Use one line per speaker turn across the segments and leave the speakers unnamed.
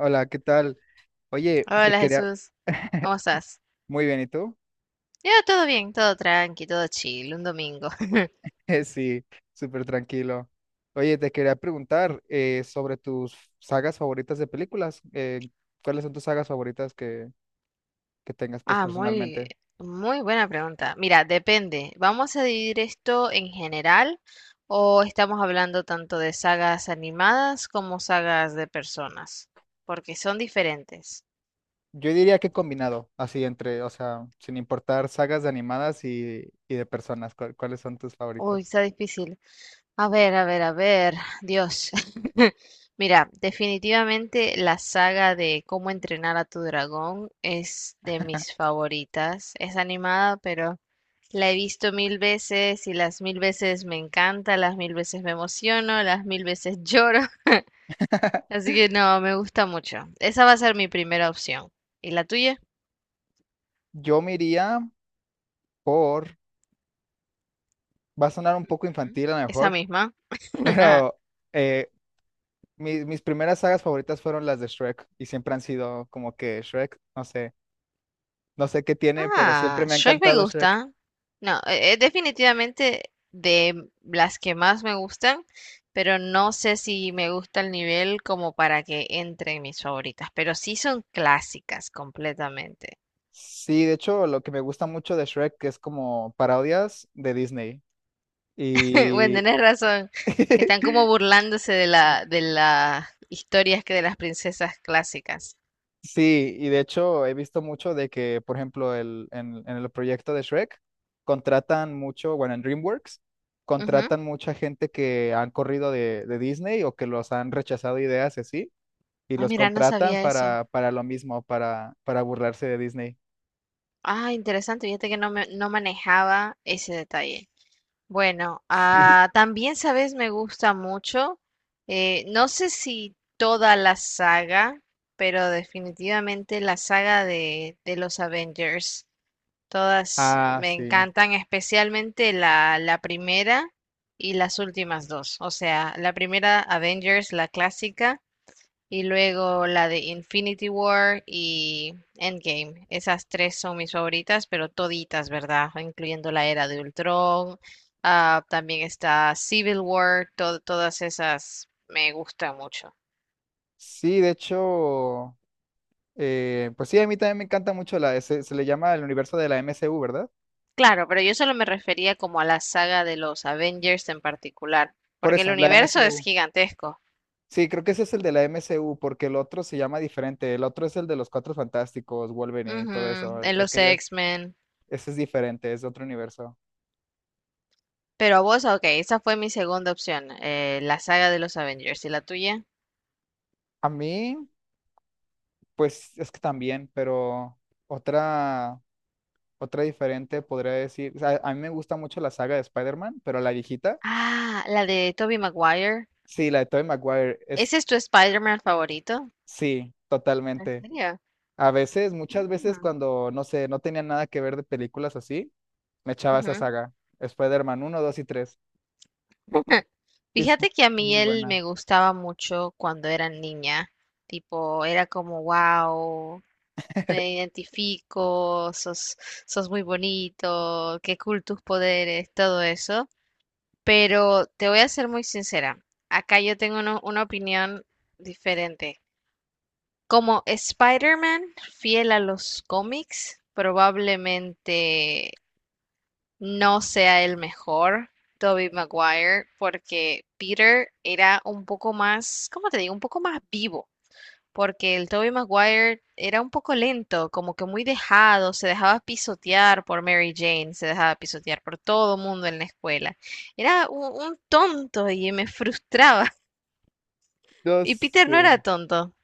Hola, ¿qué tal? Oye, te
Hola
quería...
Jesús, ¿cómo estás?
Muy bien, ¿y tú?
Ya, todo bien, todo tranqui, todo chill, un domingo.
Sí, súper tranquilo. Oye, te quería preguntar sobre tus sagas favoritas de películas. ¿Cuáles son tus sagas favoritas que tengas, pues,
Ah, muy,
personalmente?
Muy buena pregunta. Mira, depende. ¿Vamos a dividir esto en general o estamos hablando tanto de sagas animadas como sagas de personas? Porque son diferentes.
Yo diría que combinado, así entre, o sea, sin importar sagas de animadas y de personas, ¿cuáles son tus
Uy,
favoritas?
está difícil. A ver, a ver, a ver, Dios. Mira, definitivamente la saga de Cómo entrenar a tu dragón es de mis favoritas. Es animada, pero la he visto mil veces y las mil veces me encanta, las mil veces me emociono, las mil veces lloro. Así que no, me gusta mucho. Esa va a ser mi primera opción. ¿Y la tuya?
Yo me iría por... Va a sonar un poco
Ujú.
infantil a lo
Esa
mejor,
misma.
pero... eh, mis primeras sagas favoritas fueron las de Shrek y siempre han sido como que Shrek, no sé, no sé qué tiene, pero
Ah,
siempre me ha
Shrek me
encantado Shrek.
gusta. No, es definitivamente de las que más me gustan, pero no sé si me gusta el nivel como para que entre en mis favoritas, pero sí son clásicas completamente.
Sí, de hecho, lo que me gusta mucho de Shrek es como parodias de Disney.
Bueno,
Y
tenés razón. Están como burlándose de las historias que de las princesas clásicas.
sí, y de hecho he visto mucho de que, por ejemplo, en el proyecto de Shrek contratan mucho, bueno, en DreamWorks
Ujú.
contratan mucha gente que han corrido de Disney o que los han rechazado ideas y así y
Ah,
los
mira, no
contratan
sabía eso.
para lo mismo, para burlarse de Disney.
Ah, interesante, fíjate que no manejaba ese detalle. Bueno,
Sí.
ah, también, sabes, me gusta mucho. No sé si toda la saga, pero definitivamente la saga de los Avengers. Todas
Ah,
me
sí.
encantan, especialmente la primera y las últimas dos. O sea, la primera Avengers, la clásica. Y luego la de Infinity War y Endgame. Esas tres son mis favoritas, pero toditas, ¿verdad? Incluyendo la era de Ultron. También está Civil War. Todas esas me gustan mucho.
Sí, de hecho, pues sí, a mí también me encanta mucho se le llama el universo de la MCU, ¿verdad?
Claro, pero yo solo me refería como a la saga de los Avengers en particular,
Por
porque el
eso, la
universo es
MCU.
gigantesco.
Sí, creo que ese es el de la MCU, porque el otro se llama diferente. El otro es el de los Cuatro Fantásticos, Wolverine y
Ujú,
todo eso.
en
El
los
que ya-
X-Men.
ese es diferente, es de otro universo.
Pero a vos, ok, esa fue mi segunda opción, la saga de los Avengers. ¿Y la tuya?
A mí, pues es que también, pero otra. Otra diferente podría decir, o sea, a mí me gusta mucho la saga de Spider-Man, pero la viejita,
Ah, la de Tobey Maguire.
sí, la de Tobey Maguire, es,
¿Ese es tu Spider-Man favorito?
sí,
¿En
totalmente.
serio?
A veces, muchas veces
Mm,
cuando, no sé, no tenía nada que ver de películas así, me echaba esa
ujú.
saga, Spider-Man 1, 2 y 3. Es
Fíjate que a mí
muy
él
buena.
me gustaba mucho cuando era niña. Tipo, era como, wow, me identifico, sos, sos muy bonito, qué cool tus poderes, todo eso. Pero te voy a ser muy sincera. Acá yo tengo una opinión diferente. Como Spider-Man, fiel a los cómics, probablemente no sea el mejor, Tobey Maguire, porque Peter era un poco más, ¿cómo te digo? Un poco más vivo, porque el Tobey Maguire era un poco lento, como que muy dejado, se dejaba pisotear por Mary Jane, se dejaba pisotear por todo mundo en la escuela. Era un tonto y me frustraba.
Yo
Y Peter no
sé.
era tonto,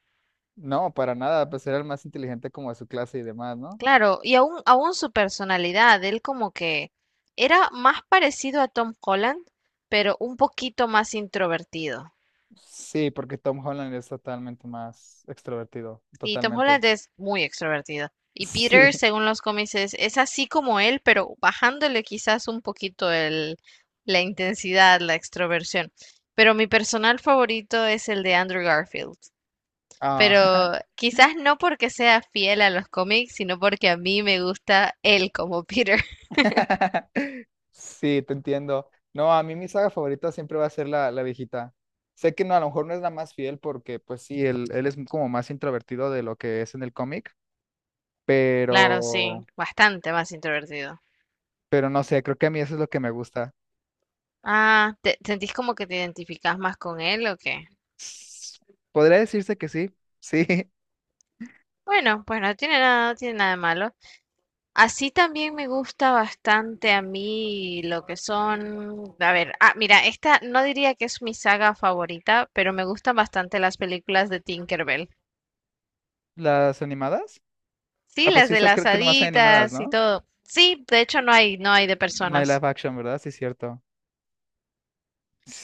No, para nada, pues era el más inteligente como de su clase y demás, ¿no?
claro, y aún su personalidad, él como que era más parecido a Tom Holland, pero un poquito más introvertido.
Sí, porque Tom Holland es totalmente más extrovertido,
Sí, Tom
totalmente.
Holland es muy extrovertido. Y Peter,
Sí.
según los cómics, es así como él, pero bajándole quizás un poquito la intensidad, la extroversión. Pero mi personal favorito es el de Andrew Garfield.
Ah.
Pero quizás no porque sea fiel a los cómics, sino porque a mí me gusta él como Peter.
Sí, te entiendo. No, a mí mi saga favorita siempre va a ser la viejita. Sé que no, a lo mejor no es la más fiel porque, pues sí, él es como más introvertido de lo que es en el cómic,
Claro, sí,
pero,
bastante más introvertido.
pero no sé, creo que a mí eso es lo que me gusta.
Ah, ¿te sentís como que te identificás más con él o qué?
S- ¿Podría decirse que sí? Sí,
Bueno, pues no tiene nada, no tiene nada de malo. Así también me gusta bastante a mí lo que son, a ver, ah, mira, esta no diría que es mi saga favorita, pero me gustan bastante las películas de Tinkerbell.
las animadas.
Sí,
Ah, pues
las
sí,
de
sé-
las
creo que nomás hay animadas,
haditas y
¿no?
todo. Sí, de hecho no hay, no hay de
No hay
personas.
live action, ¿verdad? Sí, cierto.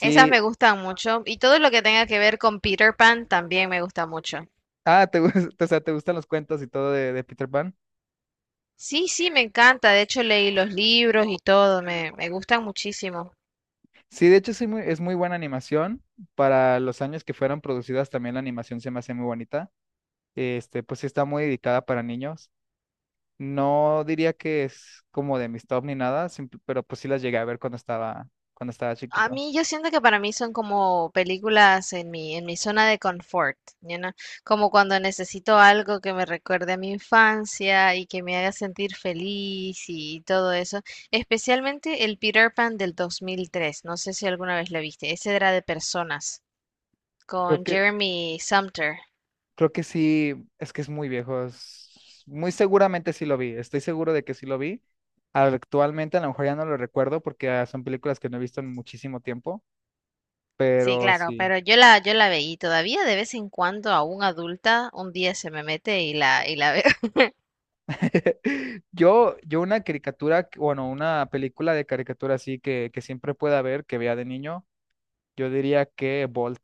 Esas me gustan mucho y todo lo que tenga que ver con Peter Pan también me gusta mucho.
Ah, te, gus- o sea, ¿te gustan los cuentos y todo de Peter Pan?
Sí, sí, me encanta. De hecho leí los libros y todo, me gustan muchísimo.
Sí, de hecho sí muy- es muy buena animación. Para los años que fueron producidas también la animación se me hace muy bonita. Este, pues sí está muy dedicada para niños. No diría que es como de mis top ni nada, simp- pero pues sí las llegué a ver cuando estaba
A
chiquito.
mí, yo siento que para mí son como películas en mi zona de confort, como cuando necesito algo que me recuerde a mi infancia y que me haga sentir feliz y todo eso. Especialmente el Peter Pan del 2003, no sé si alguna vez lo viste, ese era de personas,
Creo
con
que,
Jeremy Sumter.
creo que sí, es que es muy viejo. Es- Muy seguramente sí lo vi. Estoy seguro de que sí lo vi. Actualmente a lo mejor ya no lo recuerdo porque son películas que no he visto en muchísimo tiempo,
Sí,
pero
claro,
sí.
pero yo la, yo la veía y todavía de vez en cuando, aún adulta, un día se me mete y y la veo.
Yo una caricatura, que- bueno, una película de caricatura así que siempre pueda ver, que vea de niño, yo diría que Bolt.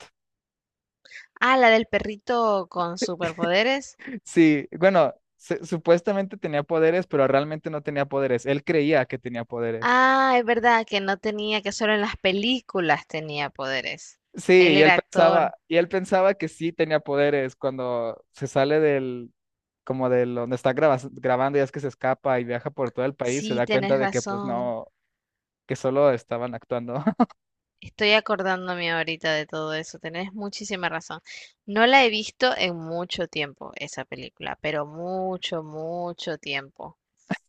Ah, la del perrito con superpoderes.
Sí, bueno, se- supuestamente tenía poderes, pero realmente no tenía poderes. Él creía que tenía poderes.
Ah, es verdad que no tenía, que solo en las películas tenía poderes.
Sí,
Él era actor.
y él pensaba que sí tenía poderes cuando se sale del, como del donde está grabas- grabando y es que se escapa y viaja por todo el país, se
Sí,
da cuenta
tenés
de que pues
razón.
no, que solo estaban actuando.
Estoy acordándome ahorita de todo eso. Tenés muchísima razón. No la he visto en mucho tiempo, esa película, pero mucho, mucho tiempo.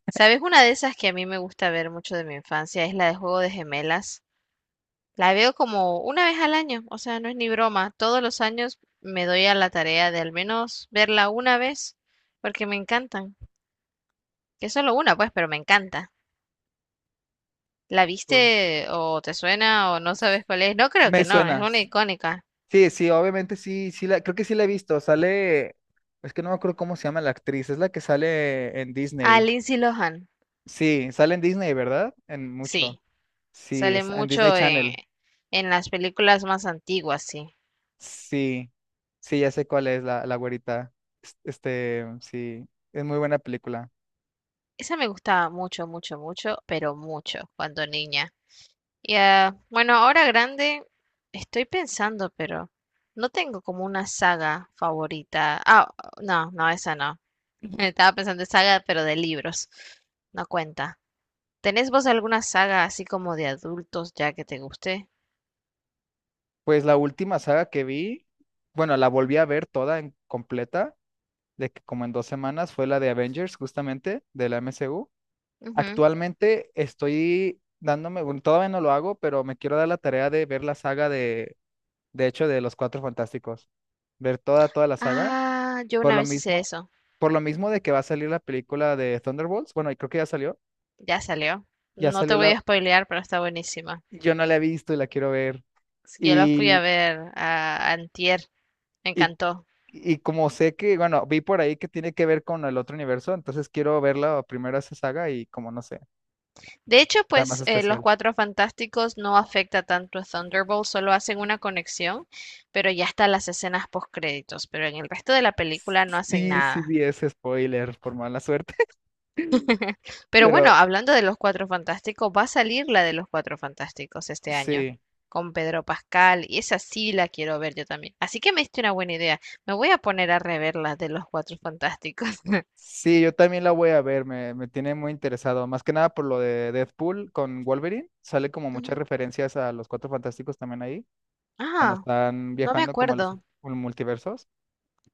¿Sabes? Una de esas que a mí me gusta ver mucho de mi infancia es la de Juego de Gemelas. La veo como una vez al año, o sea, no es ni broma. Todos los años me doy a la tarea de al menos verla una vez, porque me encantan. Que es solo una, pues, pero me encanta. ¿La
Oh.
viste o te suena o no sabes cuál es? No creo
Me
que no, es
suena.
una icónica.
Sí, sí, obviamente sí, sí la, creo que sí la he visto. Sale, es que no me acuerdo cómo se llama la actriz, es la que sale en
Ah,
Disney.
Lindsay Lohan.
Sí, sale en Disney, ¿verdad? En mucho.
Sí,
Sí,
sale
es en Disney
mucho
Channel.
en las películas más antiguas, sí.
Sí, sí, ya sé cuál es la güerita. Es- Este, sí, es muy buena película.
Esa me gustaba mucho, mucho, mucho, pero mucho cuando niña. Y ah, bueno, ahora grande estoy pensando, pero no tengo como una saga favorita. Ah, no, no, esa no. Estaba pensando en saga, pero de libros. No cuenta. ¿Tenés vos alguna saga así como de adultos ya que te guste?
Pues la última saga que vi, bueno, la volví a ver toda en completa, de que como en dos semanas, fue la de Avengers, justamente, de la MCU.
Ujú.
Actualmente estoy dándome, bueno, todavía no lo hago, pero me quiero dar la tarea de ver la saga de hecho, de Los Cuatro Fantásticos. Ver toda, toda la saga.
Ah, yo
Por
una
lo
vez hice
mismo,
eso.
por lo mismo de que va a salir la película de Thunderbolts. Bueno, y creo que ya salió.
Ya salió.
Ya
No te
salió
voy
la,
a spoilear, pero está buenísima.
yo no la he visto y la quiero ver.
Sí, yo la fui a
Y,
ver a antier. Me
y,
encantó.
y como sé que, bueno, vi por ahí que tiene que ver con el otro universo, entonces quiero verla primero esa saga y como no sé,
De hecho,
está más
pues los
especial.
Cuatro Fantásticos no afecta tanto a Thunderbolt, solo hacen una conexión, pero ya están las escenas post créditos, pero en el resto de la película no hacen
Sí, sí
nada.
vi ese spoiler, por mala suerte.
Pero bueno,
Pero
hablando de los Cuatro Fantásticos, va a salir la de los Cuatro Fantásticos este año,
sí,
con Pedro Pascal, y esa sí la quiero ver yo también. Así que me diste una buena idea. Me voy a poner a rever las de los Cuatro Fantásticos.
sí, yo también la voy a ver, me tiene muy interesado, más que nada por lo de Deadpool con Wolverine, sale como muchas
Ujú.
referencias a los Cuatro Fantásticos también ahí, cuando
Ah,
están
no me
viajando como a los
acuerdo.
multiversos.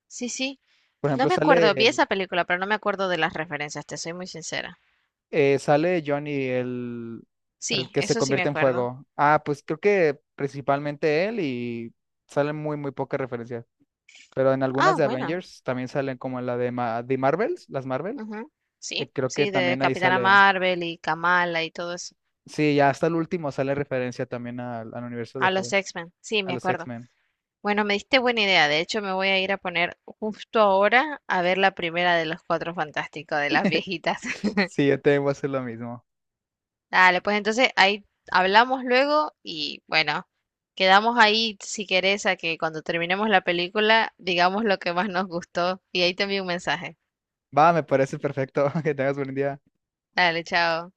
Sí, sí,
Por
no
ejemplo,
me acuerdo. Vi
sale,
esa película, pero no me acuerdo de las referencias, te soy muy sincera.
sale Johnny, el
Sí,
que se
eso sí me
convierte en
acuerdo.
fuego. Ah, pues creo que principalmente él y salen muy, muy pocas referencias, pero en algunas
Ah,
de
bueno.
Avengers también salen como en la de, Ma- de Marvels, las Marvel,
Ujú. Sí,
creo que
sí, de
también ahí
Capitana
sale.
Marvel y Kamala y todo eso.
Sí, ya hasta el último sale referencia también al, al universo de
A los
Fro-
X-Men, sí,
a
me
los
acuerdo.
X-Men.
Bueno, me diste buena idea. De hecho, me voy a ir a poner justo ahora a ver la primera de los Cuatro Fantásticos, de las viejitas.
Sí, yo también voy a hacer lo mismo.
Dale, pues entonces ahí hablamos luego y bueno, quedamos ahí si querés a que cuando terminemos la película digamos lo que más nos gustó y ahí te envío un mensaje.
Va, me parece perfecto. Que tengas buen día.
Dale, chao.